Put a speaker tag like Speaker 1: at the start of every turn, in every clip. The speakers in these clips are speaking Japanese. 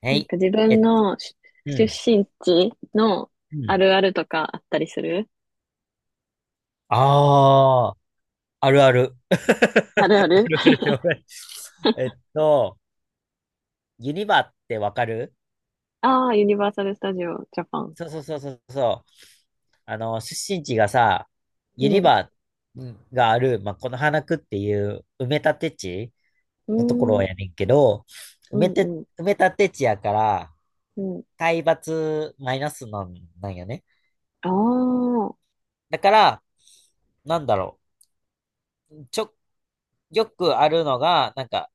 Speaker 1: は
Speaker 2: なん
Speaker 1: い。
Speaker 2: か自
Speaker 1: え
Speaker 2: 分
Speaker 1: っと、
Speaker 2: の
Speaker 1: う
Speaker 2: 出
Speaker 1: ん。
Speaker 2: 出身地の
Speaker 1: う
Speaker 2: あ
Speaker 1: ん。
Speaker 2: るあるとかあったりする。
Speaker 1: ああ、あるある。あ
Speaker 2: あるあ
Speaker 1: る
Speaker 2: る。
Speaker 1: ある でもないえっと、ユニバってわかる？
Speaker 2: ああー、ユニバーサル・スタジオ・ジャパン。
Speaker 1: そうそうそうそうそう。あの、出身地がさ、
Speaker 2: う
Speaker 1: ユニ
Speaker 2: ん。
Speaker 1: バがある、まあ、この花区っていう埋め立て地
Speaker 2: う
Speaker 1: のとこ
Speaker 2: ー
Speaker 1: ろやね
Speaker 2: ん。
Speaker 1: んけど、
Speaker 2: うん、うん、
Speaker 1: 埋め立て地やから、
Speaker 2: うん。
Speaker 1: 海抜マイナスなん、なんよね。
Speaker 2: ああ。
Speaker 1: だから、なんだろう。ちょ、よくあるのが、なんか、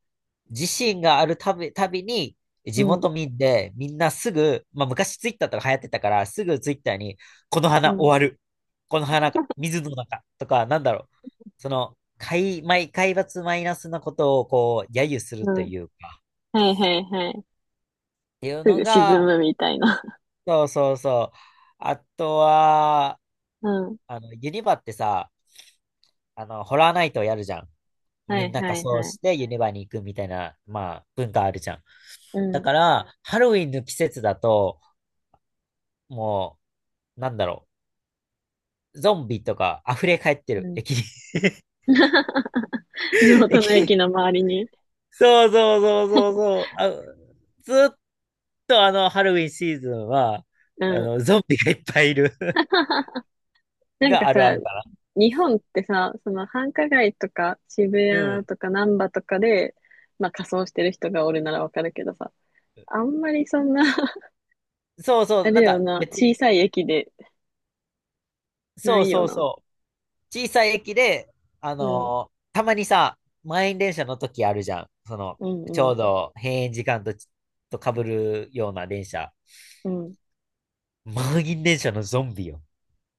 Speaker 1: 自身があるたび、たびに、
Speaker 2: う
Speaker 1: 地
Speaker 2: ん、
Speaker 1: 元民で、みんなすぐ、まあ昔ツイッターとか流行ってたから、すぐツイッターに、この
Speaker 2: う
Speaker 1: 花終
Speaker 2: ん、
Speaker 1: わる。この花が、水の中とか、なんだろう。その、海抜マイナスなことを、こう、揶揄する
Speaker 2: う
Speaker 1: と
Speaker 2: ん。
Speaker 1: いうか、
Speaker 2: はいはいはい。
Speaker 1: っていう
Speaker 2: す
Speaker 1: の
Speaker 2: ぐ沈
Speaker 1: が、
Speaker 2: むみたいな。
Speaker 1: そうそうそう。あとは、
Speaker 2: うん。
Speaker 1: あの、ユニバってさ、あの、ホラーナイトをやるじゃん。
Speaker 2: は
Speaker 1: み
Speaker 2: い
Speaker 1: んな
Speaker 2: は
Speaker 1: 仮
Speaker 2: い
Speaker 1: 装
Speaker 2: はい。
Speaker 1: してユニバに行くみたいな、まあ、文化あるじゃん。
Speaker 2: う
Speaker 1: だ
Speaker 2: ん、
Speaker 1: から、ハロウィンの季節だと、もう、なんだろう、ゾンビとか溢れ返って
Speaker 2: う
Speaker 1: る、
Speaker 2: ん。
Speaker 1: 駅に。
Speaker 2: 地 元の
Speaker 1: 駅
Speaker 2: 駅
Speaker 1: に。
Speaker 2: の周りに。
Speaker 1: そうそうそうそうそう。あ、ずっとあの、ハロウィンシーズンは、
Speaker 2: う
Speaker 1: あ
Speaker 2: ん。
Speaker 1: の、ゾンビがいっぱいいる
Speaker 2: なん
Speaker 1: が
Speaker 2: か
Speaker 1: あるあ
Speaker 2: さ、
Speaker 1: るか
Speaker 2: 日本ってさ、その繁華街とか渋
Speaker 1: な。う
Speaker 2: 谷
Speaker 1: ん。
Speaker 2: とか難波とかで、まあ仮装してる人がおるならわかるけどさ、あんまりそんな。
Speaker 1: そうそう、
Speaker 2: あれ
Speaker 1: なん
Speaker 2: よ
Speaker 1: か
Speaker 2: な、
Speaker 1: 別
Speaker 2: 小
Speaker 1: に、
Speaker 2: さい駅でな
Speaker 1: そう
Speaker 2: いよ
Speaker 1: そう
Speaker 2: な。
Speaker 1: そう。小さい駅で、あ
Speaker 2: うん、
Speaker 1: のーたまにさ、満員電車の時あるじゃん。その、
Speaker 2: う
Speaker 1: ち
Speaker 2: ん、う
Speaker 1: ょ
Speaker 2: ん、
Speaker 1: うど閉園時間とち、と被るような電車。
Speaker 2: うん。
Speaker 1: 満員電車のゾンビよ。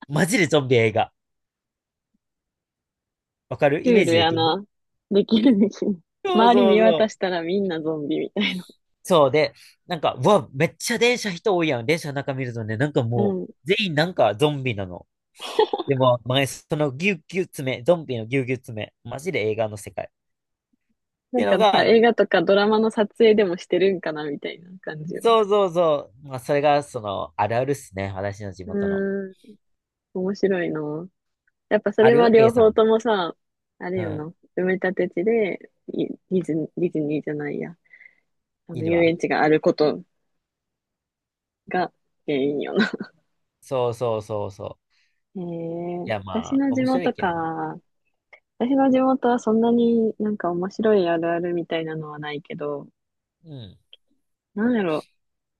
Speaker 1: マジでゾンビ映画。わかる？
Speaker 2: シ
Speaker 1: イ
Speaker 2: ュ
Speaker 1: メ
Speaker 2: ー
Speaker 1: ー
Speaker 2: ル
Speaker 1: ジで
Speaker 2: や
Speaker 1: きる？
Speaker 2: な。できるできる。
Speaker 1: そう
Speaker 2: 周り
Speaker 1: そう
Speaker 2: 見
Speaker 1: そ
Speaker 2: 渡
Speaker 1: う。
Speaker 2: したらみんなゾンビみたい
Speaker 1: そうで、なんか、うわ、めっちゃ電車人多いやん。電車の中見るとね、なんか
Speaker 2: な。う
Speaker 1: も
Speaker 2: ん。
Speaker 1: う、全員なんかゾンビなの。でも、そのギュうギュう詰め、ゾンビのギュうギュう詰め、マジで映画の世界。っ
Speaker 2: な
Speaker 1: て
Speaker 2: ん
Speaker 1: いう
Speaker 2: か
Speaker 1: の
Speaker 2: さ、
Speaker 1: が、
Speaker 2: 映画とかドラマの撮影でもしてるんかなみたいな感じよな。
Speaker 1: そうそうそう。まあ、それが、その、あるあるっすね。私の地
Speaker 2: う
Speaker 1: 元の。
Speaker 2: ーん、面白いな。やっぱそ
Speaker 1: あ
Speaker 2: れは
Speaker 1: る？ A
Speaker 2: 両
Speaker 1: さ
Speaker 2: 方
Speaker 1: ん。
Speaker 2: ともさ、あれ
Speaker 1: う
Speaker 2: よ
Speaker 1: ん。
Speaker 2: な、埋め立て地で、いディズニー、ディズニーじゃないや、あ
Speaker 1: い
Speaker 2: の、
Speaker 1: る
Speaker 2: 遊
Speaker 1: わ。
Speaker 2: 園地があることが原因よな。
Speaker 1: そうそうそうそう。
Speaker 2: へ
Speaker 1: い
Speaker 2: え。
Speaker 1: や、
Speaker 2: 私
Speaker 1: まあ、
Speaker 2: の地
Speaker 1: 面白い
Speaker 2: 元
Speaker 1: け
Speaker 2: か。
Speaker 1: どね。
Speaker 2: 私の地元はそんなになんか面白いあるあるみたいなのはないけど、
Speaker 1: うん。
Speaker 2: なんやろ、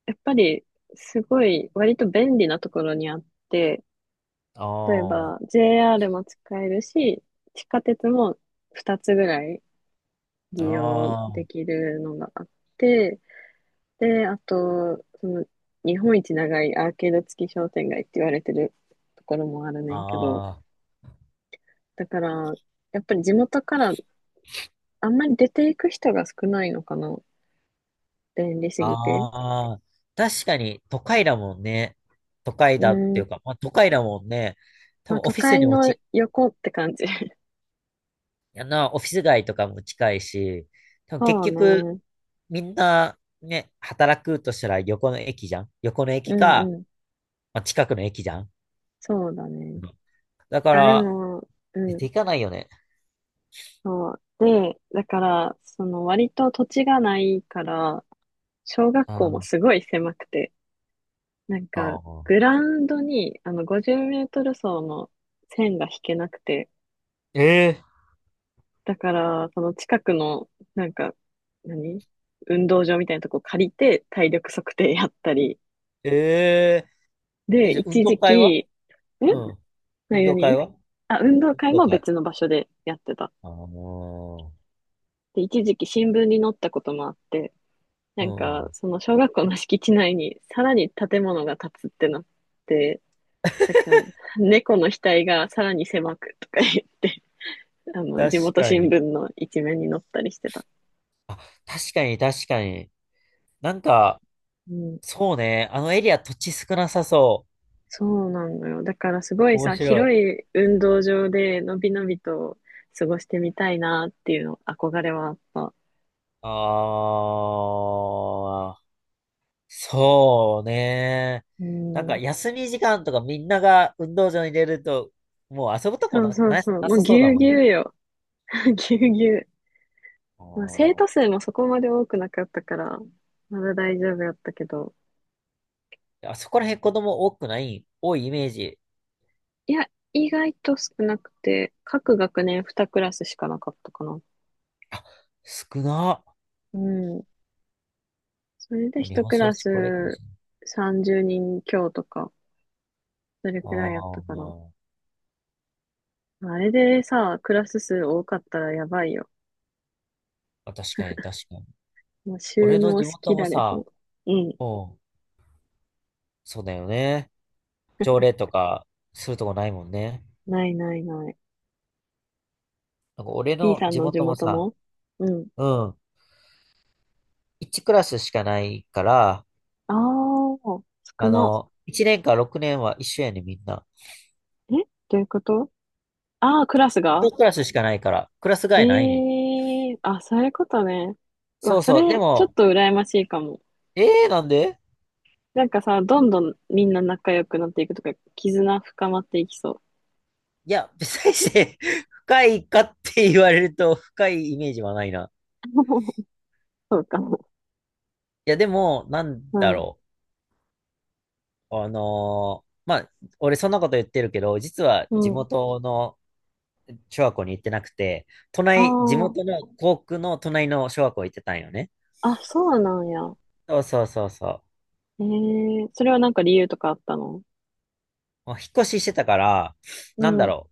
Speaker 2: やっぱりすごい割と便利なところにあって、例え
Speaker 1: あ
Speaker 2: ば JR も使えるし、地下鉄も2つぐらい
Speaker 1: あ、
Speaker 2: 利用
Speaker 1: あ
Speaker 2: できるのがあって、で、あと、その、日本一長いアーケード付き商店街って言われてるところもあるねんけど、
Speaker 1: あ、あ
Speaker 2: だから、やっぱり地元からあんまり出ていく人が少ないのかな。便利すぎて。
Speaker 1: あ、確かに、都会だもんね。都会
Speaker 2: う
Speaker 1: だってい
Speaker 2: ん。
Speaker 1: うか、まあ、都会だもんね。多
Speaker 2: まあ、
Speaker 1: 分、オ
Speaker 2: 都
Speaker 1: フィス
Speaker 2: 会
Speaker 1: にも
Speaker 2: の
Speaker 1: ち、
Speaker 2: 横って感じ。
Speaker 1: あの、オフィス街とかも近いし、多分、結
Speaker 2: そう
Speaker 1: 局、
Speaker 2: ね。
Speaker 1: みんな、ね、働くとしたら横の駅じゃん。横の
Speaker 2: う
Speaker 1: 駅
Speaker 2: ん
Speaker 1: か、
Speaker 2: うん。
Speaker 1: まあ、近くの駅じゃん。
Speaker 2: そうだね。
Speaker 1: うんだか
Speaker 2: あ、で
Speaker 1: ら、
Speaker 2: も、う
Speaker 1: 出
Speaker 2: ん。
Speaker 1: ていかないよね。
Speaker 2: そう。で、だから、その割と土地がないから、小学
Speaker 1: な
Speaker 2: 校も
Speaker 1: ん
Speaker 2: すごい狭くて、なんか、
Speaker 1: か、
Speaker 2: グラウンドに、あの、50メートル走の線が引けなくて、
Speaker 1: え
Speaker 2: だから、その近くの、なんか、何運動場みたいなとこ借りて、体力測定やったり、
Speaker 1: ー、え
Speaker 2: で、
Speaker 1: じゃあ運
Speaker 2: 一
Speaker 1: 動
Speaker 2: 時
Speaker 1: 会は？
Speaker 2: 期、ん
Speaker 1: うん。運
Speaker 2: 何
Speaker 1: 動会
Speaker 2: 何
Speaker 1: は
Speaker 2: あ、運動
Speaker 1: 運
Speaker 2: 会
Speaker 1: 動
Speaker 2: も
Speaker 1: 会。
Speaker 2: 別の場所でやってた。
Speaker 1: あの
Speaker 2: で、一時期新聞に載ったこともあって、な
Speaker 1: ー、う
Speaker 2: んか、
Speaker 1: ん。
Speaker 2: その小学校の敷地内にさらに建物が建つってなって、なんか、猫の額がさらに狭くとか言って、あの、
Speaker 1: 確
Speaker 2: 地元
Speaker 1: か
Speaker 2: 新
Speaker 1: に。
Speaker 2: 聞の一面に載ったりしてた。
Speaker 1: あ、確かに。なんか、
Speaker 2: うん。
Speaker 1: そうね。あのエリア土地少なさそ
Speaker 2: そうなのよ。だからすご
Speaker 1: う。
Speaker 2: い
Speaker 1: 面
Speaker 2: さ、
Speaker 1: 白
Speaker 2: 広
Speaker 1: い。
Speaker 2: い運動場でのびのびと過ごしてみたいなっていうの、憧れはあった。
Speaker 1: あー。そうね。
Speaker 2: う
Speaker 1: なんか
Speaker 2: ん。
Speaker 1: 休み時間とかみんなが運動場に出ると、もう遊ぶとこ
Speaker 2: そ
Speaker 1: な、
Speaker 2: うそう
Speaker 1: な、
Speaker 2: そう。
Speaker 1: な
Speaker 2: もう
Speaker 1: さそ
Speaker 2: ぎ
Speaker 1: うだ
Speaker 2: ゅう
Speaker 1: もん
Speaker 2: ぎゅ
Speaker 1: ね。
Speaker 2: うよ。ぎゅうぎゅう。
Speaker 1: あ
Speaker 2: まあ、生徒
Speaker 1: ー
Speaker 2: 数もそこまで多くなかったから、まだ大丈夫やったけど。
Speaker 1: あそこら辺子供多くない、多いイメージ。
Speaker 2: いや、意外と少なくて、各学年2クラスしかなかったかな。
Speaker 1: あ、少な。
Speaker 2: うん。それで
Speaker 1: 日
Speaker 2: 1
Speaker 1: 本
Speaker 2: ク
Speaker 1: 少
Speaker 2: ラ
Speaker 1: 子高齢化で
Speaker 2: ス
Speaker 1: すね。
Speaker 2: 30人強とか。それくらいやった
Speaker 1: あ
Speaker 2: かな。
Speaker 1: ー
Speaker 2: あれでさ、クラス数多かったらやばいよ。
Speaker 1: あ、確かに。
Speaker 2: もう収
Speaker 1: 俺の
Speaker 2: 納
Speaker 1: 地
Speaker 2: しき
Speaker 1: 元も
Speaker 2: られへ
Speaker 1: さ、
Speaker 2: ん。うん。
Speaker 1: うん、そうだよね。条例とかするとこないもんね。
Speaker 2: ないないない。
Speaker 1: なんか俺
Speaker 2: B
Speaker 1: の
Speaker 2: さん
Speaker 1: 地
Speaker 2: の地
Speaker 1: 元も
Speaker 2: 元
Speaker 1: さ、
Speaker 2: も、うん。
Speaker 1: うん、1クラスしかないから、
Speaker 2: ああ、少
Speaker 1: あ
Speaker 2: な。
Speaker 1: の、1年か6年は一緒やねん、みんな。
Speaker 2: え？どういうこと？ああー、クラスが。
Speaker 1: 一クラスしかないから、クラス替えないねん。
Speaker 2: へえ、あ、そういうことね。う
Speaker 1: そ
Speaker 2: わ、
Speaker 1: う
Speaker 2: そ
Speaker 1: そう。で
Speaker 2: れ、ちょっ
Speaker 1: も、
Speaker 2: と羨ましいかも。
Speaker 1: ええー、なんで？
Speaker 2: なんかさ、どんどんみんな仲良くなっていくとか、絆深まっていきそう。
Speaker 1: いや、別にして 深いかって言われると深いイメージはないな。
Speaker 2: そうかも。
Speaker 1: いや、でも、なん
Speaker 2: う
Speaker 1: だ
Speaker 2: ん。
Speaker 1: ろう。あのーまあ、俺そんなこと言ってるけど、実は
Speaker 2: う
Speaker 1: 地
Speaker 2: ん。
Speaker 1: 元の小学校に行ってなくて、隣、地
Speaker 2: あ
Speaker 1: 元の校区の隣の小学校行ってたんよね。
Speaker 2: あ、あ、そうなんや。
Speaker 1: そうそうそうそう。
Speaker 2: ええ？それはなんか理由とかあったの？
Speaker 1: まあ引っ越ししてたから、
Speaker 2: う
Speaker 1: なんだ
Speaker 2: ん。
Speaker 1: ろ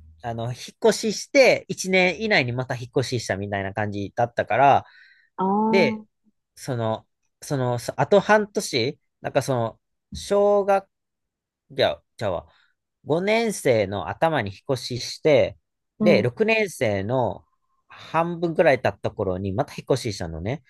Speaker 1: う。あの、引っ越しして、1年以内にまた引っ越ししたみたいな感じだったから、
Speaker 2: あ
Speaker 1: で、
Speaker 2: あ、
Speaker 1: その、そあと半年、なんかその、小学、じゃ、ちゃあ、5年生の頭に引っ越しして、
Speaker 2: う
Speaker 1: で、
Speaker 2: ん。
Speaker 1: 6年生の半分くらい経った頃にまた引っ越ししたのね。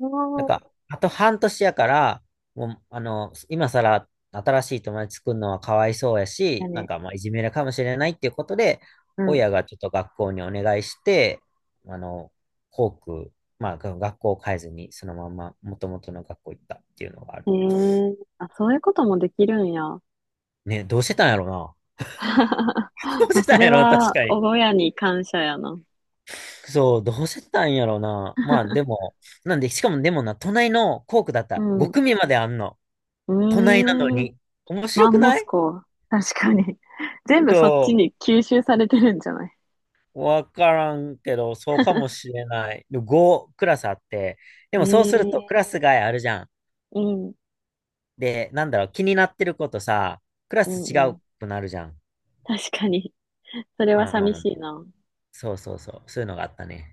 Speaker 2: あ
Speaker 1: なん
Speaker 2: あ、
Speaker 1: か、あと半年やから、もう、あの、今更新しい友達作るのはかわいそうや
Speaker 2: や
Speaker 1: し、なん
Speaker 2: ね。
Speaker 1: か、まあ、いじめるかもしれないっていうことで、
Speaker 2: うん。
Speaker 1: 親がちょっと学校にお願いして、あの、校区、まあ、が学校を変えずに、そのまま元々の学校行ったっていうのがあ
Speaker 2: え
Speaker 1: る。
Speaker 2: え？あ、そういうこともできるんや。
Speaker 1: ね、どうしてたんやろな。どう
Speaker 2: ま
Speaker 1: して
Speaker 2: あ、そ
Speaker 1: たん
Speaker 2: れ
Speaker 1: やろ、確
Speaker 2: は、
Speaker 1: かに。
Speaker 2: 親に感謝やな。
Speaker 1: そう、どうしてたんやろな。まあ、でも、なんで、しかもでもな、隣の校区だっ
Speaker 2: う
Speaker 1: た。
Speaker 2: ん。
Speaker 1: 5
Speaker 2: う
Speaker 1: 組まであんの。隣なの
Speaker 2: ーん。
Speaker 1: に。面
Speaker 2: マ
Speaker 1: 白く
Speaker 2: ンモ
Speaker 1: な
Speaker 2: ス
Speaker 1: い？
Speaker 2: コ。確かに。全部
Speaker 1: そ
Speaker 2: そっち
Speaker 1: う
Speaker 2: に吸収されてるんじゃない？
Speaker 1: わからんけど、そうかもしれない。で、5クラスあって、でもそうするとク
Speaker 2: ええ、
Speaker 1: ラス外あるじゃん。
Speaker 2: うん。
Speaker 1: で、なんだろう、気になってることさ、クラ
Speaker 2: う
Speaker 1: ス
Speaker 2: ん
Speaker 1: 違
Speaker 2: う
Speaker 1: う
Speaker 2: ん。
Speaker 1: くなるじゃん。
Speaker 2: 確かに。それは
Speaker 1: まあまあ
Speaker 2: 寂
Speaker 1: まあ。
Speaker 2: しいな。
Speaker 1: そうそうそう。そういうのがあったね。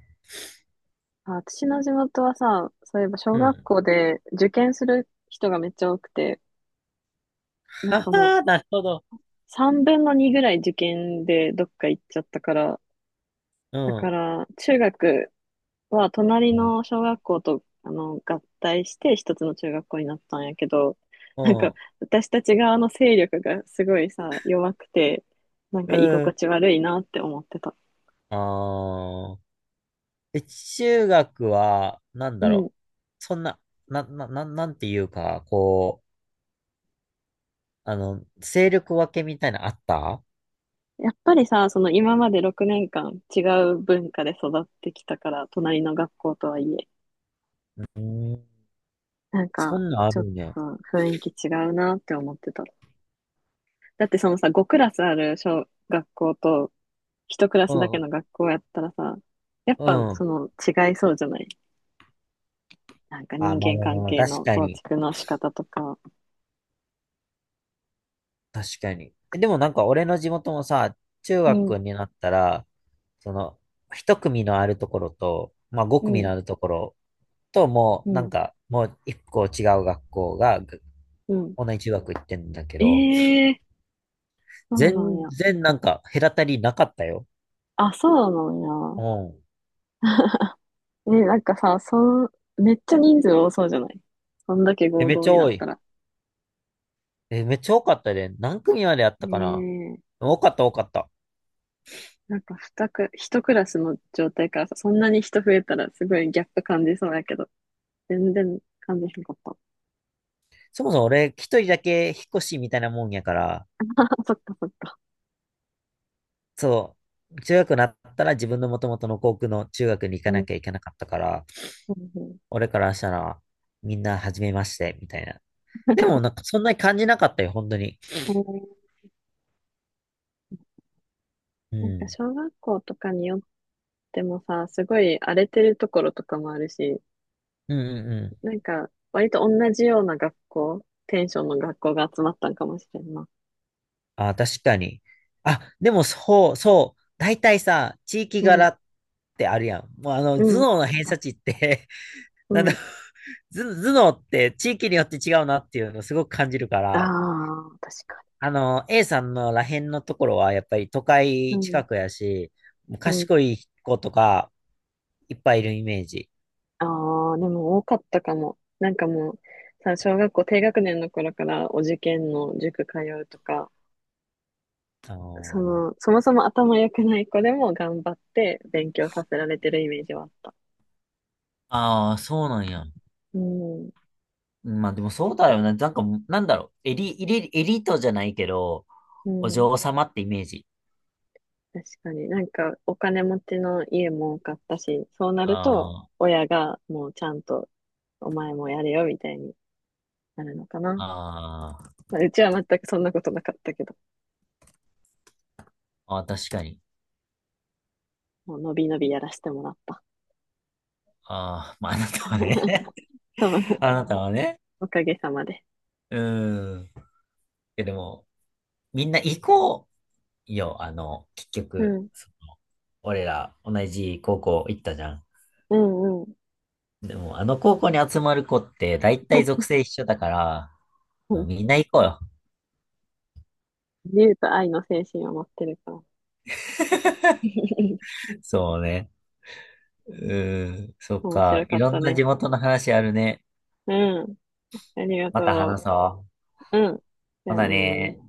Speaker 2: あ、私の地元はさ、そういえば小
Speaker 1: う
Speaker 2: 学
Speaker 1: ん。
Speaker 2: 校で受験する人がめっちゃ多くて、なん
Speaker 1: は
Speaker 2: かもう
Speaker 1: は、なるほど。
Speaker 2: 3分の2ぐらい受験でどっか行っちゃったから、
Speaker 1: う
Speaker 2: だか
Speaker 1: ん。
Speaker 2: ら中学は隣の小学校とあの合体して一つの中学校になったんやけど、
Speaker 1: う
Speaker 2: なんか
Speaker 1: ん。
Speaker 2: 私たち側の勢力がすごいさ、弱くて、なん
Speaker 1: う
Speaker 2: か居心
Speaker 1: ん。
Speaker 2: 地悪いなって思ってた。
Speaker 1: ああ。え、中学は、なん
Speaker 2: う
Speaker 1: だろ
Speaker 2: ん。
Speaker 1: う。そんな、なんていうか、こう、あの、勢力分けみたいなのあった？
Speaker 2: やっぱりさ、その今まで6年間違う文化で育ってきたから、隣の学校とはいえ、
Speaker 1: うん。
Speaker 2: なん
Speaker 1: そ
Speaker 2: か
Speaker 1: んなんあ
Speaker 2: ちょっ
Speaker 1: るね。
Speaker 2: と雰囲気違うなって思ってた。だってそのさ、5クラスある小学校と1クラ
Speaker 1: う
Speaker 2: スだけ
Speaker 1: ん、
Speaker 2: の学校やったらさ、やっ
Speaker 1: う
Speaker 2: ぱそ
Speaker 1: ん。
Speaker 2: の違いそうじゃない？なんか
Speaker 1: あ、
Speaker 2: 人
Speaker 1: まあ
Speaker 2: 間
Speaker 1: まあ
Speaker 2: 関
Speaker 1: まあ、
Speaker 2: 係の構築の仕方とか。
Speaker 1: 確かに。え、でもなんか俺の地元もさ、中
Speaker 2: うん、
Speaker 1: 学になったら、その、一組のあるところと、まあ五
Speaker 2: う
Speaker 1: 組
Speaker 2: ん、
Speaker 1: のあるところと、も
Speaker 2: う
Speaker 1: うなん
Speaker 2: ん、
Speaker 1: か、もう一個違う学校が、ぐ
Speaker 2: うん。
Speaker 1: 同じ中学行ってんだけ
Speaker 2: え
Speaker 1: ど、
Speaker 2: えー、そうなん
Speaker 1: 全
Speaker 2: や。
Speaker 1: 然なんか隔たりなかったよ。
Speaker 2: あ、そうなんや。
Speaker 1: うん。
Speaker 2: ね、なんかさ、ん、めっちゃ人数多そうじゃない？そんだけ
Speaker 1: え、
Speaker 2: 合
Speaker 1: めっ
Speaker 2: 同
Speaker 1: ちゃ
Speaker 2: にな
Speaker 1: 多
Speaker 2: っ
Speaker 1: い。
Speaker 2: たら。
Speaker 1: え、めっちゃ多かったで、何組まであったかな？
Speaker 2: ねえ。
Speaker 1: 多かった。
Speaker 2: なんか一クラスの状態からさ、そんなに人増えたらすごいギャップ感じそうやけど、全然感じへんかった。
Speaker 1: そもそも俺一人だけ引っ越しみたいなもんやから、
Speaker 2: そっかそっか。
Speaker 1: そう、中学になったら自分の元々の校区の中学に行
Speaker 2: う
Speaker 1: かな
Speaker 2: ん、
Speaker 1: きゃいけなかったから、
Speaker 2: うん
Speaker 1: 俺からしたらみんな初めまして、みたいな。でもなんかそんなに感じなかったよ、本当に。
Speaker 2: うん。ね
Speaker 1: う
Speaker 2: えー、なんか
Speaker 1: ん。
Speaker 2: 小学校とかによってもさ、すごい荒れてるところとかもあるし、
Speaker 1: うんうんうん。
Speaker 2: なんか割と同じような学校、テンションの学校が集まったんかもしれんな。
Speaker 1: あ、確かに。あ、でもそうそう。大体さ、地域
Speaker 2: う
Speaker 1: 柄
Speaker 2: ん、
Speaker 1: ってあるやん。もうあの、
Speaker 2: う
Speaker 1: 頭
Speaker 2: ん、
Speaker 1: 脳の偏差値って
Speaker 2: う
Speaker 1: なんだ、
Speaker 2: ん。
Speaker 1: 頭脳って地域によって違うなっていうのをすごく感じるか
Speaker 2: あ
Speaker 1: ら、
Speaker 2: あ、確か、
Speaker 1: あの、A さんのらへんのところは、やっぱり都
Speaker 2: う
Speaker 1: 会近
Speaker 2: ん。
Speaker 1: くやし、もう
Speaker 2: うん。
Speaker 1: 賢い子とかいっぱいいるイメージ。
Speaker 2: ああ、でも多かったかも。なんかもう、さ、小学校低学年の頃からお受験の塾通うとか、
Speaker 1: あ
Speaker 2: そ
Speaker 1: の
Speaker 2: の、そもそも頭良くない子でも頑張って勉強させられてるイメージはあった。
Speaker 1: ああ、そうなんや。
Speaker 2: うん。
Speaker 1: まあでもそうだよね。なんか、なんだろう。エリートじゃないけど、
Speaker 2: う
Speaker 1: お
Speaker 2: ん。
Speaker 1: 嬢様ってイメージ。
Speaker 2: 確かに。なんか、お金持ちの家も多かったし、そうなると、
Speaker 1: あ
Speaker 2: 親がもうちゃんと、お前もやれよ、みたいになるのかな。
Speaker 1: あ、
Speaker 2: まあ、うちは全くそんなことなかったけど、
Speaker 1: あー、確かに。
Speaker 2: もうのびのびやらせてもらった。
Speaker 1: ああ、まああなたはね。
Speaker 2: そう、
Speaker 1: あなたはね。
Speaker 2: おかげさまで。
Speaker 1: うん。え、でも、みんな行こうよ。あの、結
Speaker 2: う
Speaker 1: 局、
Speaker 2: ん。
Speaker 1: そ俺ら同じ高校行ったじゃん。
Speaker 2: うんうん。
Speaker 1: でも、あの高校に集まる子って、だいたい属 性一緒だから、
Speaker 2: う
Speaker 1: みんな行こうよ。
Speaker 2: 自由と愛の精神を持ってるから。
Speaker 1: そうね。うーん、そっ
Speaker 2: 面
Speaker 1: か。
Speaker 2: 白か
Speaker 1: い
Speaker 2: っ
Speaker 1: ろ
Speaker 2: た
Speaker 1: んな
Speaker 2: ね。
Speaker 1: 地元の話あるね。
Speaker 2: うん。ありが
Speaker 1: また話
Speaker 2: と
Speaker 1: そう。
Speaker 2: う。うん。じ
Speaker 1: ほ
Speaker 2: ゃあ
Speaker 1: な
Speaker 2: ねー。
Speaker 1: ね